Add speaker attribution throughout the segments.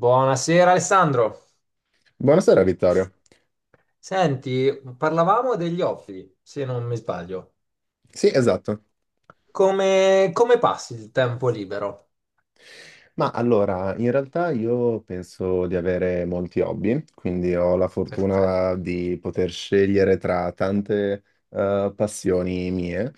Speaker 1: Buonasera Alessandro.
Speaker 2: Buonasera Vittorio.
Speaker 1: Senti, parlavamo degli hobby, se non mi sbaglio.
Speaker 2: Sì, esatto.
Speaker 1: Come, come passi il tempo libero?
Speaker 2: Ma allora, in realtà io penso di avere molti hobby, quindi ho la
Speaker 1: Perfetto,
Speaker 2: fortuna di poter scegliere tra tante passioni mie.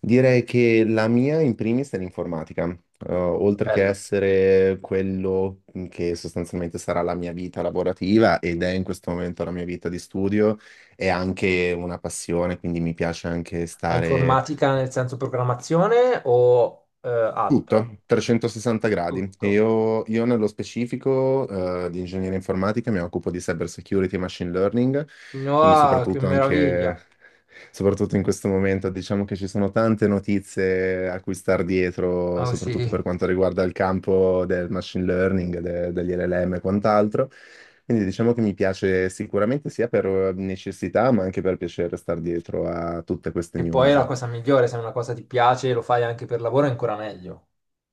Speaker 2: Direi che la mia in primis è l'informatica. Oltre che
Speaker 1: bello.
Speaker 2: essere quello che sostanzialmente sarà la mia vita lavorativa ed è in questo momento la mia vita di studio, è anche una passione, quindi mi piace anche
Speaker 1: Ma
Speaker 2: stare.
Speaker 1: informatica nel senso programmazione o
Speaker 2: Tutto,
Speaker 1: altro?
Speaker 2: 360 gradi.
Speaker 1: Tutto.
Speaker 2: Io nello specifico di ingegneria informatica mi occupo di cyber security e machine learning, quindi
Speaker 1: No, che
Speaker 2: soprattutto anche,
Speaker 1: meraviglia.
Speaker 2: soprattutto in questo momento diciamo che ci sono tante notizie a cui star dietro,
Speaker 1: Ah sì,
Speaker 2: soprattutto per quanto riguarda il campo del machine learning, degli LLM e quant'altro. Quindi diciamo che mi piace sicuramente sia per necessità, ma anche per piacere star dietro a tutte queste
Speaker 1: che poi è
Speaker 2: news.
Speaker 1: la cosa migliore, se una cosa ti piace e lo fai anche per lavoro è ancora meglio.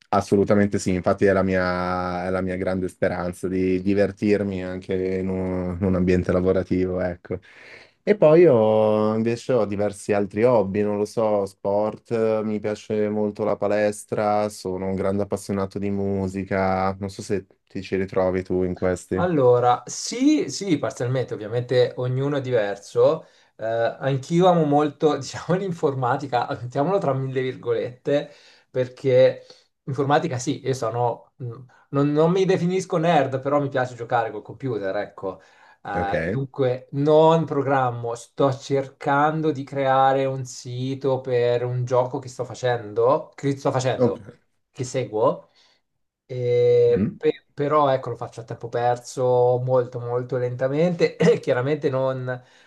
Speaker 2: Assolutamente sì, infatti è è la mia grande speranza di divertirmi anche in in un ambiente lavorativo, ecco. E poi io invece ho diversi altri hobby, non lo so, sport, mi piace molto la palestra, sono un grande appassionato di musica, non so se ti ci ritrovi tu in questi.
Speaker 1: Allora, sì, sì, parzialmente, ovviamente ognuno è diverso. Anch'io amo molto, diciamo, l'informatica, mettiamolo tra mille virgolette, perché informatica sì, io sono, non, non mi definisco nerd, però mi piace giocare col computer, ecco.
Speaker 2: Ok,
Speaker 1: Dunque, non programmo, sto cercando di creare un sito per un gioco che sto facendo,
Speaker 2: ok.
Speaker 1: che seguo. E
Speaker 2: Mm.
Speaker 1: però ecco, lo faccio a tempo perso molto lentamente. Chiaramente non,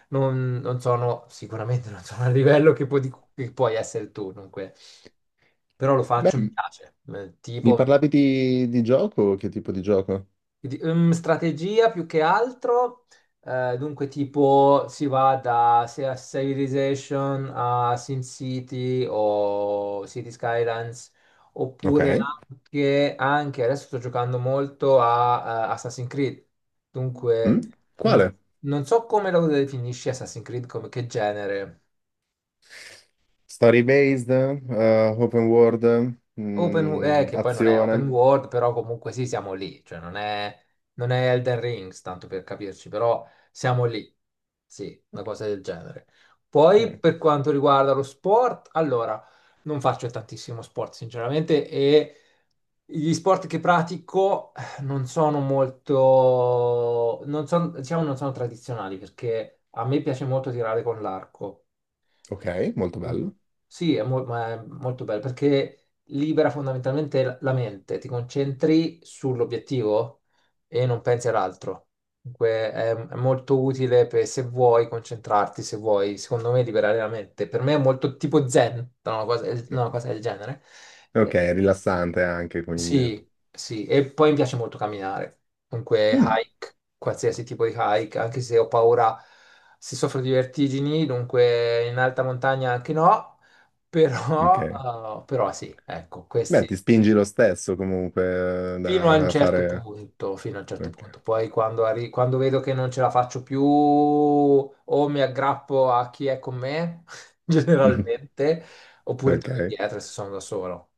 Speaker 1: non sono, sicuramente non sono al livello che, che puoi essere tu, dunque. Però lo faccio, mi
Speaker 2: Beh,
Speaker 1: piace.
Speaker 2: mi
Speaker 1: Tipo,
Speaker 2: parlavi di gioco? Che tipo di gioco?
Speaker 1: quindi, strategia più che altro, dunque tipo si va da sia Civilization a SimCity o City Skylines,
Speaker 2: Ok.
Speaker 1: oppure anche, anche adesso sto giocando molto a Assassin's Creed,
Speaker 2: Mm.
Speaker 1: dunque non,
Speaker 2: Quale?
Speaker 1: non so come lo definisci Assassin's Creed, come che genere.
Speaker 2: Story based, open world, mm,
Speaker 1: Che poi non è open
Speaker 2: azione.
Speaker 1: world, però comunque sì, siamo lì, cioè non è Elden Rings, tanto per capirci, però siamo lì, sì, una cosa del genere. Poi
Speaker 2: Eh,
Speaker 1: per quanto riguarda lo sport, allora, non faccio tantissimo sport sinceramente e gli sport che pratico non sono molto, non sono, diciamo, non sono tradizionali perché a me piace molto tirare con l'arco.
Speaker 2: Ok, molto bello.
Speaker 1: Sì, ma è molto bello perché libera fondamentalmente la mente, ti concentri sull'obiettivo e non pensi all'altro. Dunque è molto utile per se vuoi concentrarti, se vuoi, secondo me, liberare la mente. Per me è molto tipo zen, no, una cosa, no, una cosa del genere. Eh,
Speaker 2: Ok, è
Speaker 1: eh,
Speaker 2: rilassante anche, quindi.
Speaker 1: sì, sì, e poi mi piace molto camminare. Dunque
Speaker 2: Mm,
Speaker 1: hike, qualsiasi tipo di hike, anche se ho paura, se soffro di vertigini, dunque in alta montagna anche no
Speaker 2: ok.
Speaker 1: però, però sì, ecco,
Speaker 2: Beh, ti
Speaker 1: questi
Speaker 2: spingi lo stesso comunque
Speaker 1: fino a un
Speaker 2: da a
Speaker 1: certo
Speaker 2: fare.
Speaker 1: punto, fino a un certo
Speaker 2: Ok.
Speaker 1: punto. Poi quando, quando vedo che non ce la faccio più o mi aggrappo a chi è con me, generalmente, oppure torno
Speaker 2: Ok.
Speaker 1: indietro se sono da solo.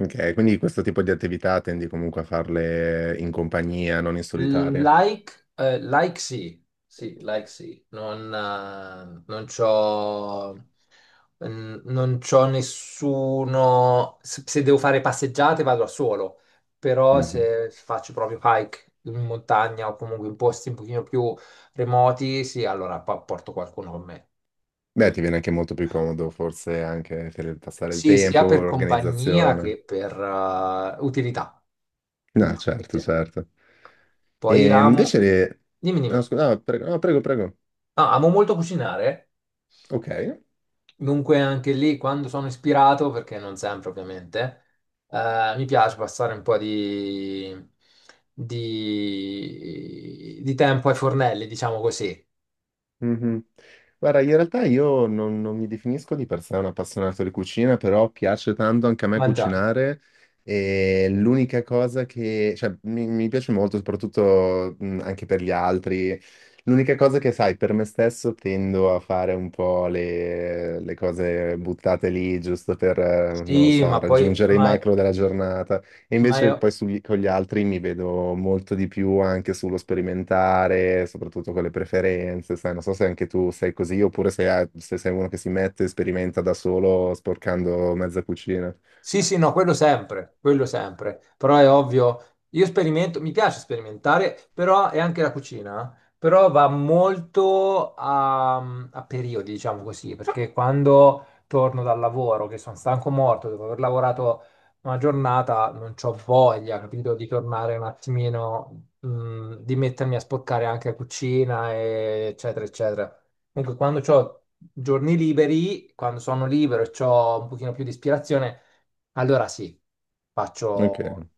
Speaker 2: Ok, quindi questo tipo di attività tendi comunque a farle in compagnia, non in solitaria.
Speaker 1: Like, like sì, sì, like sì, non c'ho, non c'ho nessuno, se se devo fare passeggiate vado da solo, però
Speaker 2: Mhm.
Speaker 1: se faccio proprio hike in montagna o comunque in posti un pochino più remoti, sì, allora porto qualcuno con me.
Speaker 2: Beh, ti viene anche molto più comodo, forse anche per passare il
Speaker 1: Sì, sia
Speaker 2: tempo,
Speaker 1: per compagnia
Speaker 2: l'organizzazione.
Speaker 1: che per utilità,
Speaker 2: No,
Speaker 1: diciamo
Speaker 2: certo,
Speaker 1: così.
Speaker 2: certo.
Speaker 1: Poi
Speaker 2: E invece,
Speaker 1: amo, dimmi,
Speaker 2: no,
Speaker 1: dimmi,
Speaker 2: no, prego, no, prego, prego.
Speaker 1: Ah, amo molto cucinare.
Speaker 2: Ok.
Speaker 1: Dunque anche lì, quando sono ispirato, perché non sempre ovviamente, mi piace passare un po' di, di tempo ai fornelli, diciamo così.
Speaker 2: Mhm. Guarda, in realtà io non mi definisco di per sé un appassionato di cucina, però piace tanto anche a me
Speaker 1: Mangiare.
Speaker 2: cucinare e l'unica cosa che, cioè, mi piace molto, soprattutto anche per gli altri. L'unica cosa che, sai, per me stesso tendo a fare un po' le cose buttate lì, giusto per, non lo
Speaker 1: Sì,
Speaker 2: so,
Speaker 1: ma poi,
Speaker 2: raggiungere i
Speaker 1: ma,
Speaker 2: macro della giornata. E
Speaker 1: ma
Speaker 2: invece poi con gli altri mi vedo molto di più anche sullo sperimentare, soprattutto con le preferenze, sai, non so se anche tu sei così oppure se, se sei uno che si mette e sperimenta da solo sporcando mezza cucina.
Speaker 1: sì, sì, no, quello sempre, però è ovvio, io sperimento, mi piace sperimentare, però è anche la cucina, eh. Però va molto a, a periodi, diciamo così, perché quando torno dal lavoro, che sono stanco morto, dopo aver lavorato una giornata, non ho voglia, capito, di tornare un attimino, di mettermi a sporcare anche la cucina, e eccetera, eccetera. Comunque, quando ho giorni liberi, quando sono libero e ho un pochino più di ispirazione, allora sì, faccio,
Speaker 2: Ok.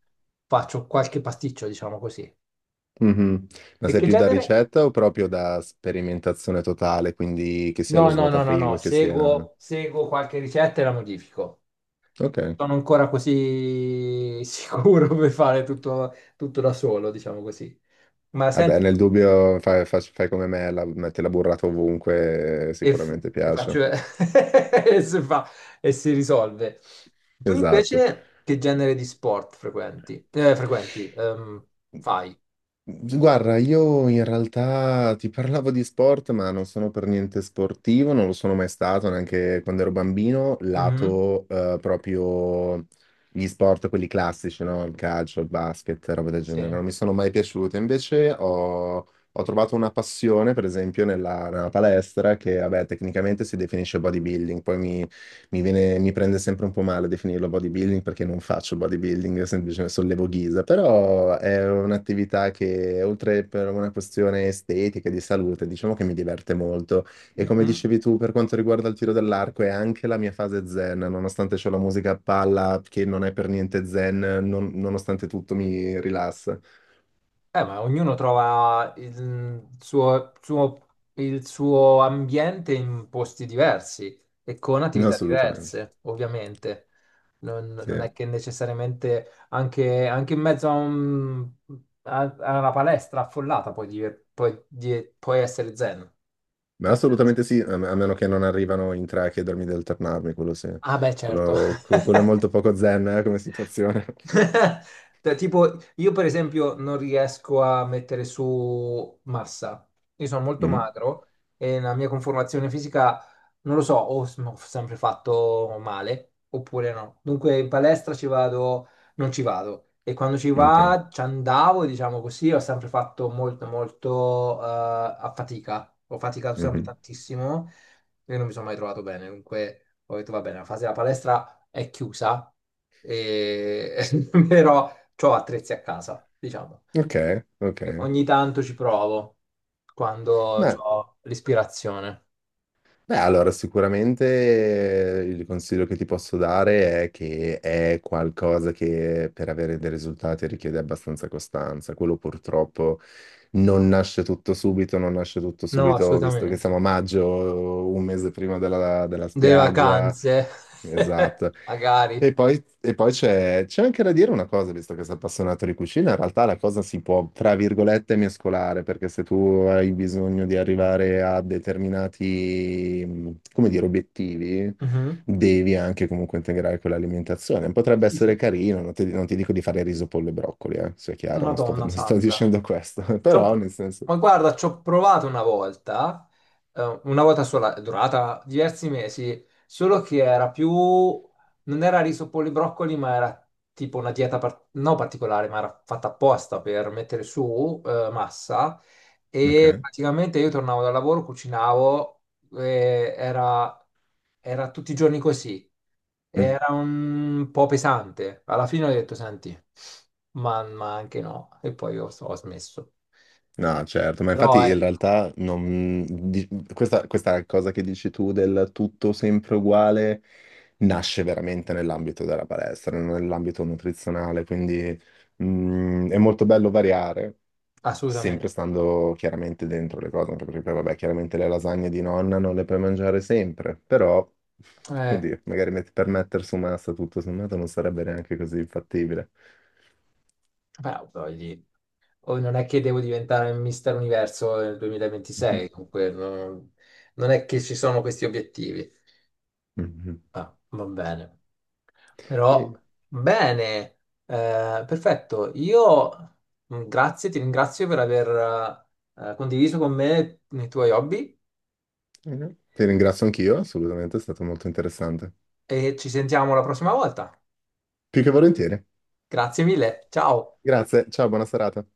Speaker 1: faccio qualche pasticcio, diciamo così.
Speaker 2: Mhm. Ma
Speaker 1: E
Speaker 2: sei
Speaker 1: che
Speaker 2: più da
Speaker 1: genere?
Speaker 2: ricetta o proprio da sperimentazione totale, quindi che sia lo
Speaker 1: No, no, no, no, no,
Speaker 2: svuotafrigo, che sia...
Speaker 1: seguo qualche ricetta e la modifico.
Speaker 2: Ok.
Speaker 1: Sono ancora così sicuro per fare tutto, tutto da solo, diciamo così. Ma
Speaker 2: Vabbè,
Speaker 1: senti,
Speaker 2: nel dubbio fai, fai come me, metti la burrata ovunque, sicuramente
Speaker 1: e faccio,
Speaker 2: piace.
Speaker 1: e si fa, e si risolve. Tu
Speaker 2: Esatto.
Speaker 1: invece che genere di sport frequenti? Frequenti, fai?
Speaker 2: Guarda, io in realtà ti parlavo di sport, ma non sono per niente sportivo, non lo sono mai stato neanche quando ero bambino,
Speaker 1: Mhm,
Speaker 2: lato proprio gli sport, quelli classici, no? Il calcio, il basket, roba del genere,
Speaker 1: sì.
Speaker 2: non mi sono mai piaciute. Invece ho trovato una passione, per esempio, nella palestra, che vabbè, tecnicamente si definisce bodybuilding, poi mi prende sempre un po' male definirlo bodybuilding perché non faccio bodybuilding, semplicemente sollevo ghisa, però è un'attività che oltre per una questione estetica e di salute, diciamo che mi diverte molto. E come
Speaker 1: Mhm.
Speaker 2: dicevi tu, per quanto riguarda il tiro dell'arco, è anche la mia fase zen, nonostante c'ho la musica a palla che non è per niente zen, nonostante tutto mi rilassa.
Speaker 1: Ma ognuno trova il suo ambiente in posti diversi e con
Speaker 2: No,
Speaker 1: attività
Speaker 2: assolutamente.
Speaker 1: diverse, ovviamente. Non,
Speaker 2: Sì.
Speaker 1: non è che necessariamente anche, anche in mezzo a, a una palestra affollata puoi essere zen.
Speaker 2: Ma
Speaker 1: Nel senso,
Speaker 2: assolutamente sì, a a meno che non arrivano in tre a chiedermi di alternarmi, quello sì.
Speaker 1: ah, beh, certo.
Speaker 2: Quello, quello è molto poco zen, come situazione.
Speaker 1: Cioè, tipo, io per esempio non riesco a mettere su massa. Io sono molto
Speaker 2: Mm,
Speaker 1: magro e la mia conformazione fisica, non lo so, ho sempre fatto male oppure no. Dunque in palestra ci vado, non ci vado. E quando
Speaker 2: ok.
Speaker 1: ci andavo, diciamo così, ho sempre fatto molto, molto a fatica. Ho faticato sempre
Speaker 2: Mhm.
Speaker 1: tantissimo e non mi sono mai trovato bene. Dunque ho detto, va bene, la fase della palestra è chiusa e però ho attrezzi a casa, diciamo.
Speaker 2: Ok, ok.
Speaker 1: Ogni tanto ci provo quando
Speaker 2: Beh,
Speaker 1: ho l'ispirazione.
Speaker 2: allora sicuramente il consiglio che ti posso dare è che è qualcosa che per avere dei risultati richiede abbastanza costanza. Quello purtroppo non nasce tutto subito, non nasce tutto
Speaker 1: No,
Speaker 2: subito, visto che siamo a
Speaker 1: assolutamente.
Speaker 2: maggio, un mese prima della
Speaker 1: Delle
Speaker 2: spiaggia.
Speaker 1: vacanze,
Speaker 2: Esatto.
Speaker 1: magari.
Speaker 2: E poi c'è anche da dire una cosa, visto che sei appassionato di cucina, in realtà la cosa si può, tra virgolette, mescolare, perché se tu hai bisogno di arrivare a determinati, come dire, obiettivi,
Speaker 1: Mhm.
Speaker 2: devi anche comunque integrare quell'alimentazione. Potrebbe
Speaker 1: Sì,
Speaker 2: essere
Speaker 1: sì.
Speaker 2: carino, non ti dico di fare riso, pollo e broccoli, sia chiaro, non sto,
Speaker 1: Madonna
Speaker 2: non sto
Speaker 1: santa.
Speaker 2: dicendo questo, però
Speaker 1: C'ho-
Speaker 2: nel senso...
Speaker 1: Ma guarda, ci ho provato una volta sola, è durata diversi mesi, solo che era più, non era riso polibroccoli, ma era tipo una dieta non particolare, ma era fatta apposta per mettere su, massa e
Speaker 2: Ok.
Speaker 1: praticamente io tornavo dal lavoro, cucinavo, e era, era tutti i giorni così.
Speaker 2: Mm.
Speaker 1: Era un po' pesante. Alla fine ho detto, senti, ma anche no. E poi ho smesso.
Speaker 2: No, certo, ma
Speaker 1: Però
Speaker 2: infatti in
Speaker 1: ecco,
Speaker 2: realtà questa cosa che dici tu del tutto sempre uguale nasce veramente nell'ambito della palestra, non nell'ambito nutrizionale, quindi mm, è molto bello variare,
Speaker 1: assolutamente.
Speaker 2: sempre stando chiaramente dentro le cose, anche perché poi, vabbè, chiaramente le lasagne di nonna non le puoi mangiare sempre, però,
Speaker 1: Eh,
Speaker 2: oddio, magari per mettere su massa tutto sommato non sarebbe neanche così infattibile.
Speaker 1: beh, voglio- oh, non è che devo diventare Mister Universo nel 2026, comunque non, non è che ci sono questi obiettivi.
Speaker 2: Mhm.
Speaker 1: Ah, va bene. Però,
Speaker 2: E-
Speaker 1: bene, perfetto. Io, grazie, ti ringrazio per aver condiviso con me i tuoi hobby
Speaker 2: Mhm. Ti ringrazio anch'io, assolutamente, è stato molto interessante.
Speaker 1: e ci sentiamo la prossima volta.
Speaker 2: Più che volentieri.
Speaker 1: Grazie mille, ciao.
Speaker 2: Grazie, ciao, buona serata.